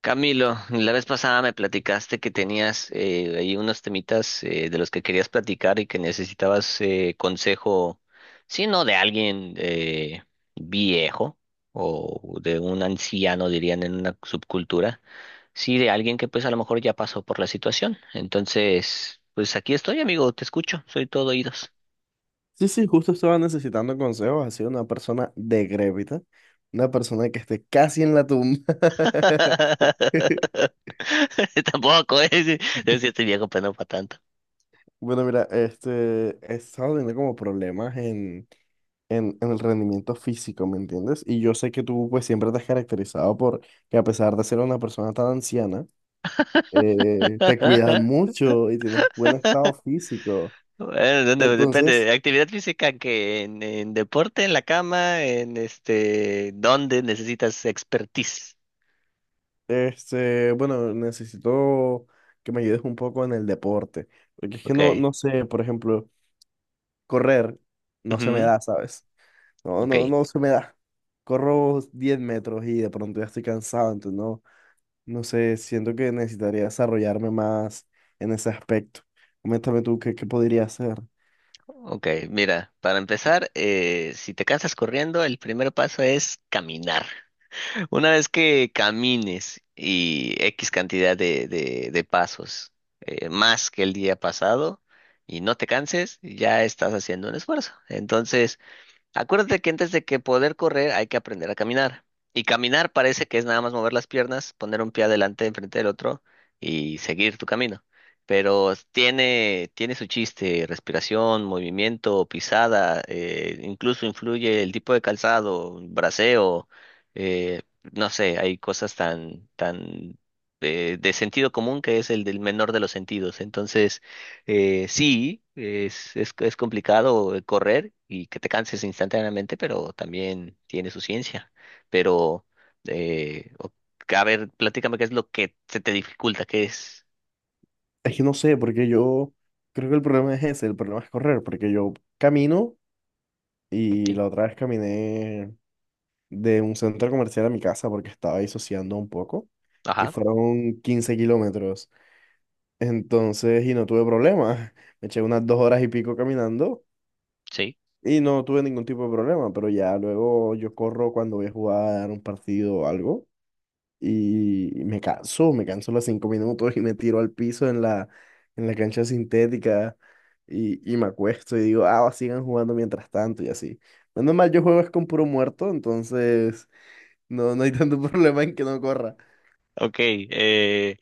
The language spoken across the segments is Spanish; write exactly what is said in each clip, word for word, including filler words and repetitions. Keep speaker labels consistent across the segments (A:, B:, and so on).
A: Camilo, la vez pasada me platicaste que tenías eh, ahí unos temitas eh, de los que querías platicar y que necesitabas eh, consejo, si no de alguien eh, viejo o de un anciano, dirían en una subcultura, sí, de alguien que pues a lo mejor ya pasó por la situación. Entonces, pues aquí estoy, amigo, te escucho, soy todo oídos.
B: Sí, sí, justo estaba necesitando consejos, así de una persona decrépita, una persona que esté casi en la tumba.
A: Tampoco es, es que estoy viejo, pero no para tanto.
B: Bueno, mira, este, he estado teniendo como problemas en, en, en el rendimiento físico, ¿me entiendes? Y yo sé que tú pues siempre te has caracterizado por que a pesar de ser una persona tan anciana, eh, te cuidas mucho y tienes buen estado físico.
A: Bueno, depende, depende.
B: Entonces,
A: de actividad física, que en, en deporte, en la cama, en este, ¿dónde necesitas expertise?
B: este, bueno, necesito que me ayudes un poco en el deporte, porque es que no,
A: Ok.
B: no sé, por ejemplo, correr no se me
A: Ujú.
B: da, ¿sabes? No,
A: Ok,
B: no, no se me da. Corro diez metros y de pronto ya estoy cansado, entonces no, no sé, siento que necesitaría desarrollarme más en ese aspecto. Coméntame tú qué, qué podría hacer.
A: ok. Mira, para empezar, eh, si te cansas corriendo, el primer paso es caminar. Una vez que camines y X cantidad de, de, de pasos eh, más que el día pasado y no te canses, ya estás haciendo un esfuerzo. Entonces, acuérdate que antes de que poder correr hay que aprender a caminar. Y caminar parece que es nada más mover las piernas, poner un pie adelante enfrente del otro y seguir tu camino. Pero tiene, tiene su chiste: respiración, movimiento, pisada, eh, incluso influye el tipo de calzado, braceo, eh, no sé, hay cosas tan, tan eh, de sentido común, que es el del menor de los sentidos. Entonces, eh, sí, es, es, es complicado eh, correr y que te canses instantáneamente, pero también tiene su ciencia. Pero, eh, o- a ver, platícame qué es lo que se te dificulta, qué es.
B: Es que no sé, porque yo creo que el problema es ese, el problema es correr, porque yo camino y
A: Sí,
B: la otra vez caminé de un centro comercial a mi casa porque estaba disociando un poco y
A: ajá,
B: fueron quince kilómetros. Entonces, y no tuve problemas. Me eché unas dos horas y pico caminando
A: sí.
B: y no tuve ningún tipo de problema, pero ya luego yo corro cuando voy a jugar un partido o algo y me canso, me canso los cinco minutos y me tiro al piso en la, en la cancha sintética. Y, y me acuesto y digo, ah, sigan jugando mientras tanto y así. Menos mal, yo juego es con puro muerto, entonces no, no hay tanto problema en que no corra.
A: Ok, eh,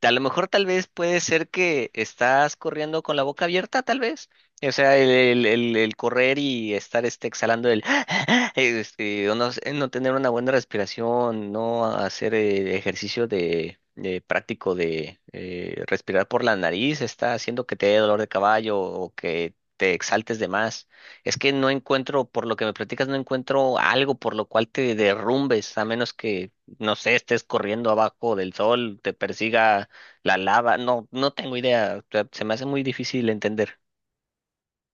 A: a lo mejor tal vez puede ser que estás corriendo con la boca abierta, tal vez. O sea, el, el- el- el correr y estar este, exhalando el... este, o no, sé, no tener una buena respiración, no hacer eh, ejercicio de, de práctico de eh, respirar por la nariz, está haciendo que te dé dolor de caballo o que te exaltes de más. Es que no encuentro, por lo que me platicas, no encuentro algo por lo cual te derrumbes, a menos que, no sé, estés corriendo abajo del sol, te persiga la lava, no, no tengo idea. O sea, se me hace muy difícil entender.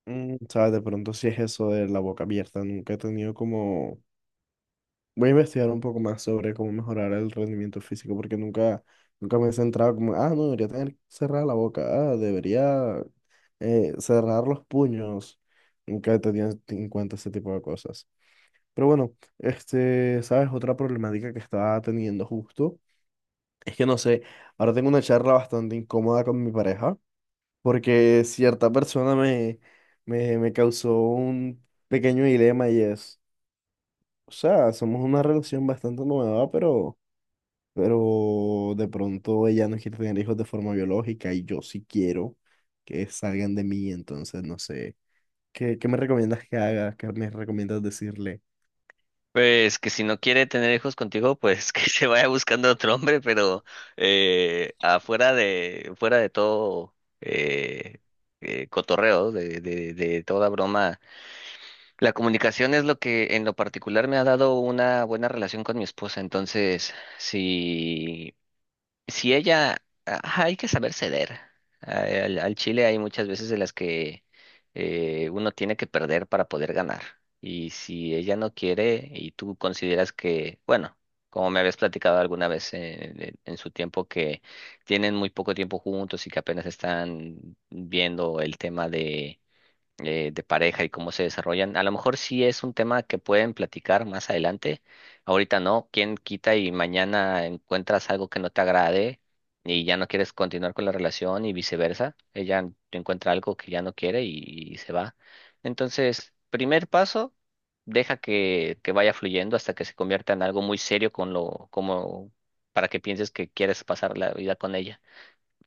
B: Mm, sabes, de pronto sí es eso de la boca abierta. Nunca he tenido como... Voy a investigar un poco más sobre cómo mejorar el rendimiento físico porque nunca, nunca me he centrado como, ah, no, debería tener cerrada la boca, ah, debería eh, cerrar los puños. Nunca he tenido en cuenta ese tipo de cosas. Pero bueno, este, sabes, otra problemática que estaba teniendo justo es que no sé, ahora tengo una charla bastante incómoda con mi pareja porque cierta persona me, me, me causó un pequeño dilema y es, o sea, somos una relación bastante nueva, pero, pero de pronto ella no quiere tener hijos de forma biológica y yo sí quiero que salgan de mí, entonces no sé, ¿qué, qué me recomiendas que haga? ¿Qué me recomiendas decirle?
A: Pues que si no quiere tener hijos contigo, pues que se vaya buscando otro hombre, pero eh, afuera de, fuera de todo eh, eh, cotorreo, de, de, de toda broma, la comunicación es lo que en lo particular me ha dado una buena relación con mi esposa. Entonces, si si ella, ajá, hay que saber ceder. Ay, Al, al chile hay muchas veces de las que eh, uno tiene que perder para poder ganar. Y si ella no quiere y tú consideras que, bueno, como me habías platicado alguna vez en, en- en su tiempo, que tienen muy poco tiempo juntos y que apenas están viendo el tema eh, de pareja y cómo se desarrollan. A lo mejor sí es un tema que pueden platicar más adelante. Ahorita no, quién quita y mañana encuentras algo que no te agrade y ya no quieres continuar con la relación y viceversa. Ella encuentra algo que ya no quiere y, y se va. Entonces, primer paso, deja que, que vaya fluyendo hasta que se convierta en algo muy serio, con lo, como para que pienses que quieres pasar la vida con ella.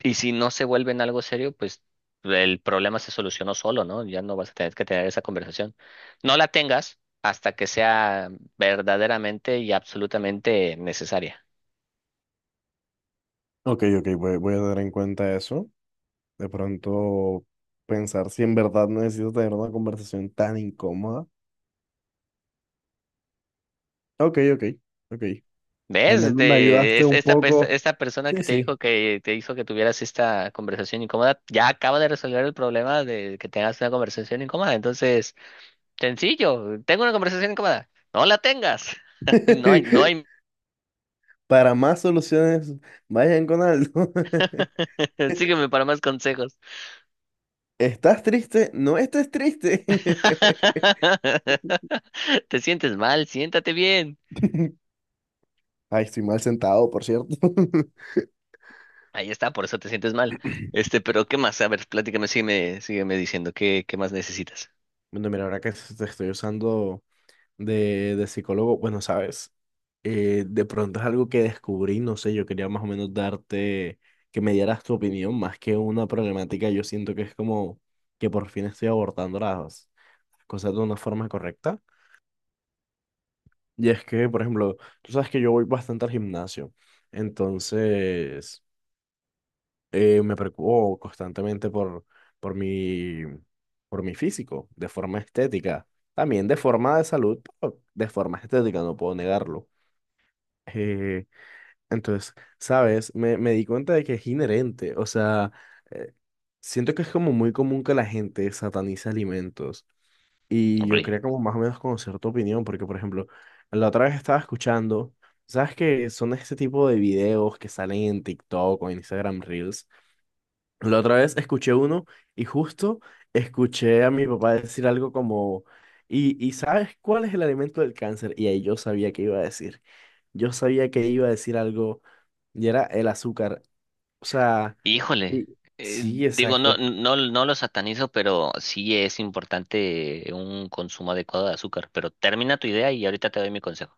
A: Y si no se vuelve en algo serio, pues el problema se solucionó solo, ¿no? Ya no vas a tener que tener esa conversación. No la tengas hasta que sea verdaderamente y absolutamente necesaria.
B: Ok, ok, voy, voy a tener en cuenta eso. De pronto pensar si en verdad necesito tener una conversación tan incómoda. Ok, ok, ok. Al
A: ¿Ves?
B: menos me
A: De,
B: ayudaste
A: es-
B: un
A: esta, pe-
B: poco.
A: esta persona
B: Sí,
A: que te dijo,
B: sí.
A: que te hizo que tuvieras esta conversación incómoda, ya acaba de resolver el problema de que tengas una conversación incómoda. Entonces, sencillo: tengo una conversación incómoda. No la tengas. No hay, no hay.
B: Para más soluciones, vayan con algo.
A: Sígueme para más consejos.
B: ¿Estás triste? No estés triste.
A: Te sientes mal, siéntate bien.
B: Ay, estoy mal sentado, por cierto.
A: Ahí está, por eso te sientes mal. Este, pero ¿qué más? A ver, platícame, sígueme, sígueme diciendo qué, qué más necesitas.
B: Bueno, mira, ahora que te estoy usando de, de psicólogo, bueno, sabes, eh, de pronto es algo que descubrí, no sé, yo quería más o menos darte, que me dieras tu opinión, más que una problemática, yo siento que es como que por fin estoy abordando las cosas de una forma correcta. Y es que, por ejemplo, tú sabes que yo voy bastante al gimnasio, entonces eh, me preocupo constantemente por, por mi, por mi físico, de forma estética, también de forma de salud, pero de forma estética, no puedo negarlo. Eh, entonces, ¿sabes? Me, me di cuenta de que es inherente, o sea, eh, siento que es como muy común que la gente satanice alimentos. Y yo
A: Ok.
B: quería como más o menos conocer tu opinión, porque por ejemplo, la otra vez estaba escuchando, ¿sabes que son este tipo de videos que salen en TikTok o en Instagram Reels? La otra vez escuché uno y justo escuché a mi papá decir algo como, ¿y, y sabes cuál es el alimento del cáncer? Y ahí yo sabía que iba a decir, yo sabía que iba a decir algo y era el azúcar. O sea,
A: Híjole.
B: y-
A: Eh,
B: sí,
A: digo,
B: exacto.
A: no, no, no lo satanizo, pero sí es importante un consumo adecuado de azúcar. Pero termina tu idea y ahorita te doy mi consejo.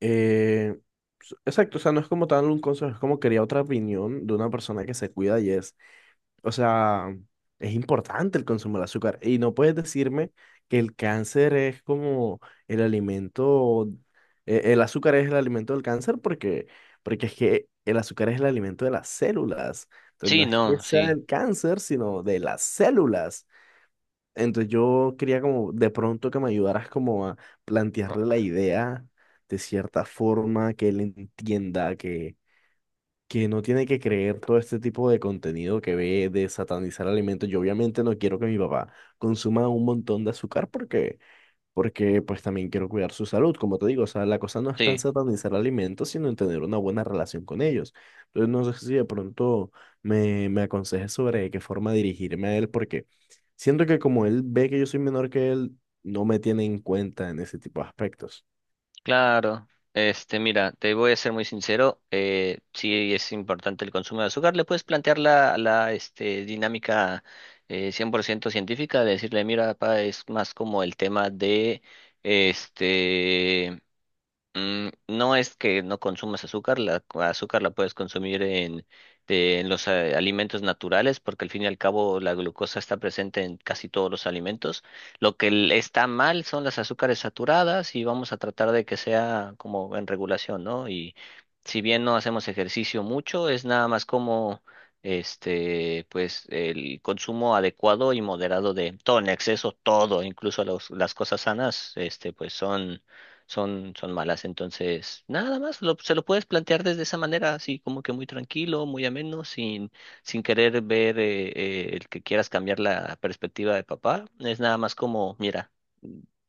B: Eh, s- exacto, o sea, no es como tal un consejo, es como quería otra opinión de una persona que se cuida y es, o sea, es importante el consumo del azúcar y no puedes decirme que el cáncer es como el alimento, eh, el azúcar es el alimento del cáncer porque, porque es que el azúcar es el alimento de las células, entonces
A: Sí,
B: no es que
A: no,
B: sea
A: sí.
B: del cáncer, sino de las células. Entonces yo quería como de pronto que me ayudaras como a plantearle la idea de cierta forma, que él entienda que, que no tiene que creer todo este tipo de contenido que ve de satanizar alimentos. Yo obviamente no quiero que mi papá consuma un montón de azúcar porque porque pues también quiero cuidar su salud, como te digo, o sea, la cosa no es tan
A: Sí.
B: satanizar alimentos, sino en tener una buena relación con ellos. Entonces, no sé si de pronto me, me aconsejes sobre de qué forma dirigirme a él, porque siento que como él ve que yo soy menor que él, no me tiene en cuenta en ese tipo de aspectos.
A: Claro, este, mira, te voy a ser muy sincero, eh, sí es importante el consumo de azúcar, le puedes plantear la, la este, dinámica eh, cien por ciento científica, de decirle: mira, papá, es más como el tema de, este, mm, no es que no consumas azúcar, la la azúcar la puedes consumir en, de- en los eh, alimentos naturales, porque al fin y al cabo la glucosa está presente en casi todos los alimentos. Lo que l- está mal son las azúcares saturadas, y vamos a tratar de que sea como en regulación, ¿no? Y si bien no hacemos ejercicio mucho, es nada más como este, pues el consumo adecuado y moderado, de todo en exceso, todo, incluso los- las cosas sanas, este, pues son son, son malas. Entonces, nada más, lo- se lo puedes plantear desde esa manera, así como que muy tranquilo, muy ameno, sin, sin querer ver eh, eh, el que quieras cambiar la perspectiva de papá. Es nada más como, mira,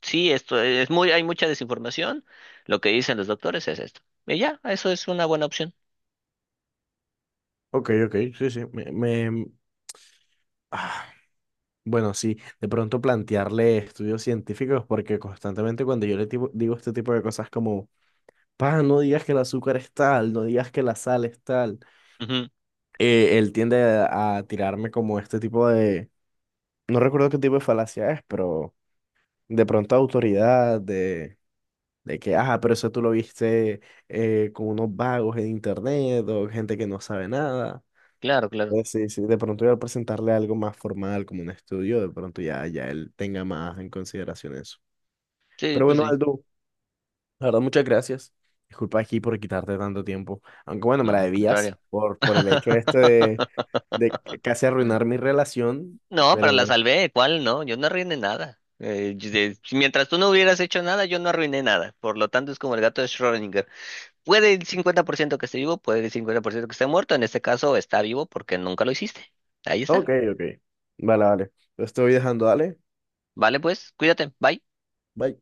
A: sí, esto es muy, hay mucha desinformación, lo que dicen los doctores es esto. Y ya, eso es una buena opción.
B: Ok, ok, sí, sí, me, me- ah, bueno, sí, de pronto plantearle estudios científicos, porque constantemente cuando yo le tipo- digo este tipo de cosas como, pa, no digas que el azúcar es tal, no digas que la sal es tal,
A: Ujú.
B: eh, él tiende a tirarme como este tipo de, no recuerdo qué tipo de falacia es, pero de pronto autoridad, de, de que, ajá, pero eso tú lo viste eh, con unos vagos en internet o gente que no sabe nada.
A: Claro, claro.
B: Pues sí, sí, de pronto yo al presentarle algo más formal como un estudio, de pronto ya, ya él tenga más en consideración eso.
A: Sí,
B: Pero
A: pues
B: bueno,
A: sí.
B: Aldo, la verdad, muchas gracias. Disculpa aquí por quitarte tanto tiempo. Aunque bueno, me
A: No,
B: la
A: al
B: debías
A: contrario.
B: por, por el hecho este de, de c- casi arruinar mi relación.
A: No, pero la
B: Pero,
A: salvé, ¿cuál? No, yo no arruiné nada. Eh, yo- de- si mientras tú no hubieras hecho nada, yo no arruiné nada. Por lo tanto, es como el gato de Schrödinger. Puede el cincuenta por ciento que esté vivo, puede el cincuenta por ciento que esté muerto. En este caso, está vivo porque nunca lo hiciste. Ahí
B: ok,
A: está.
B: ok. Vale, vale. Lo estoy dejando, dale.
A: Vale, pues, cuídate. Bye.
B: Bye.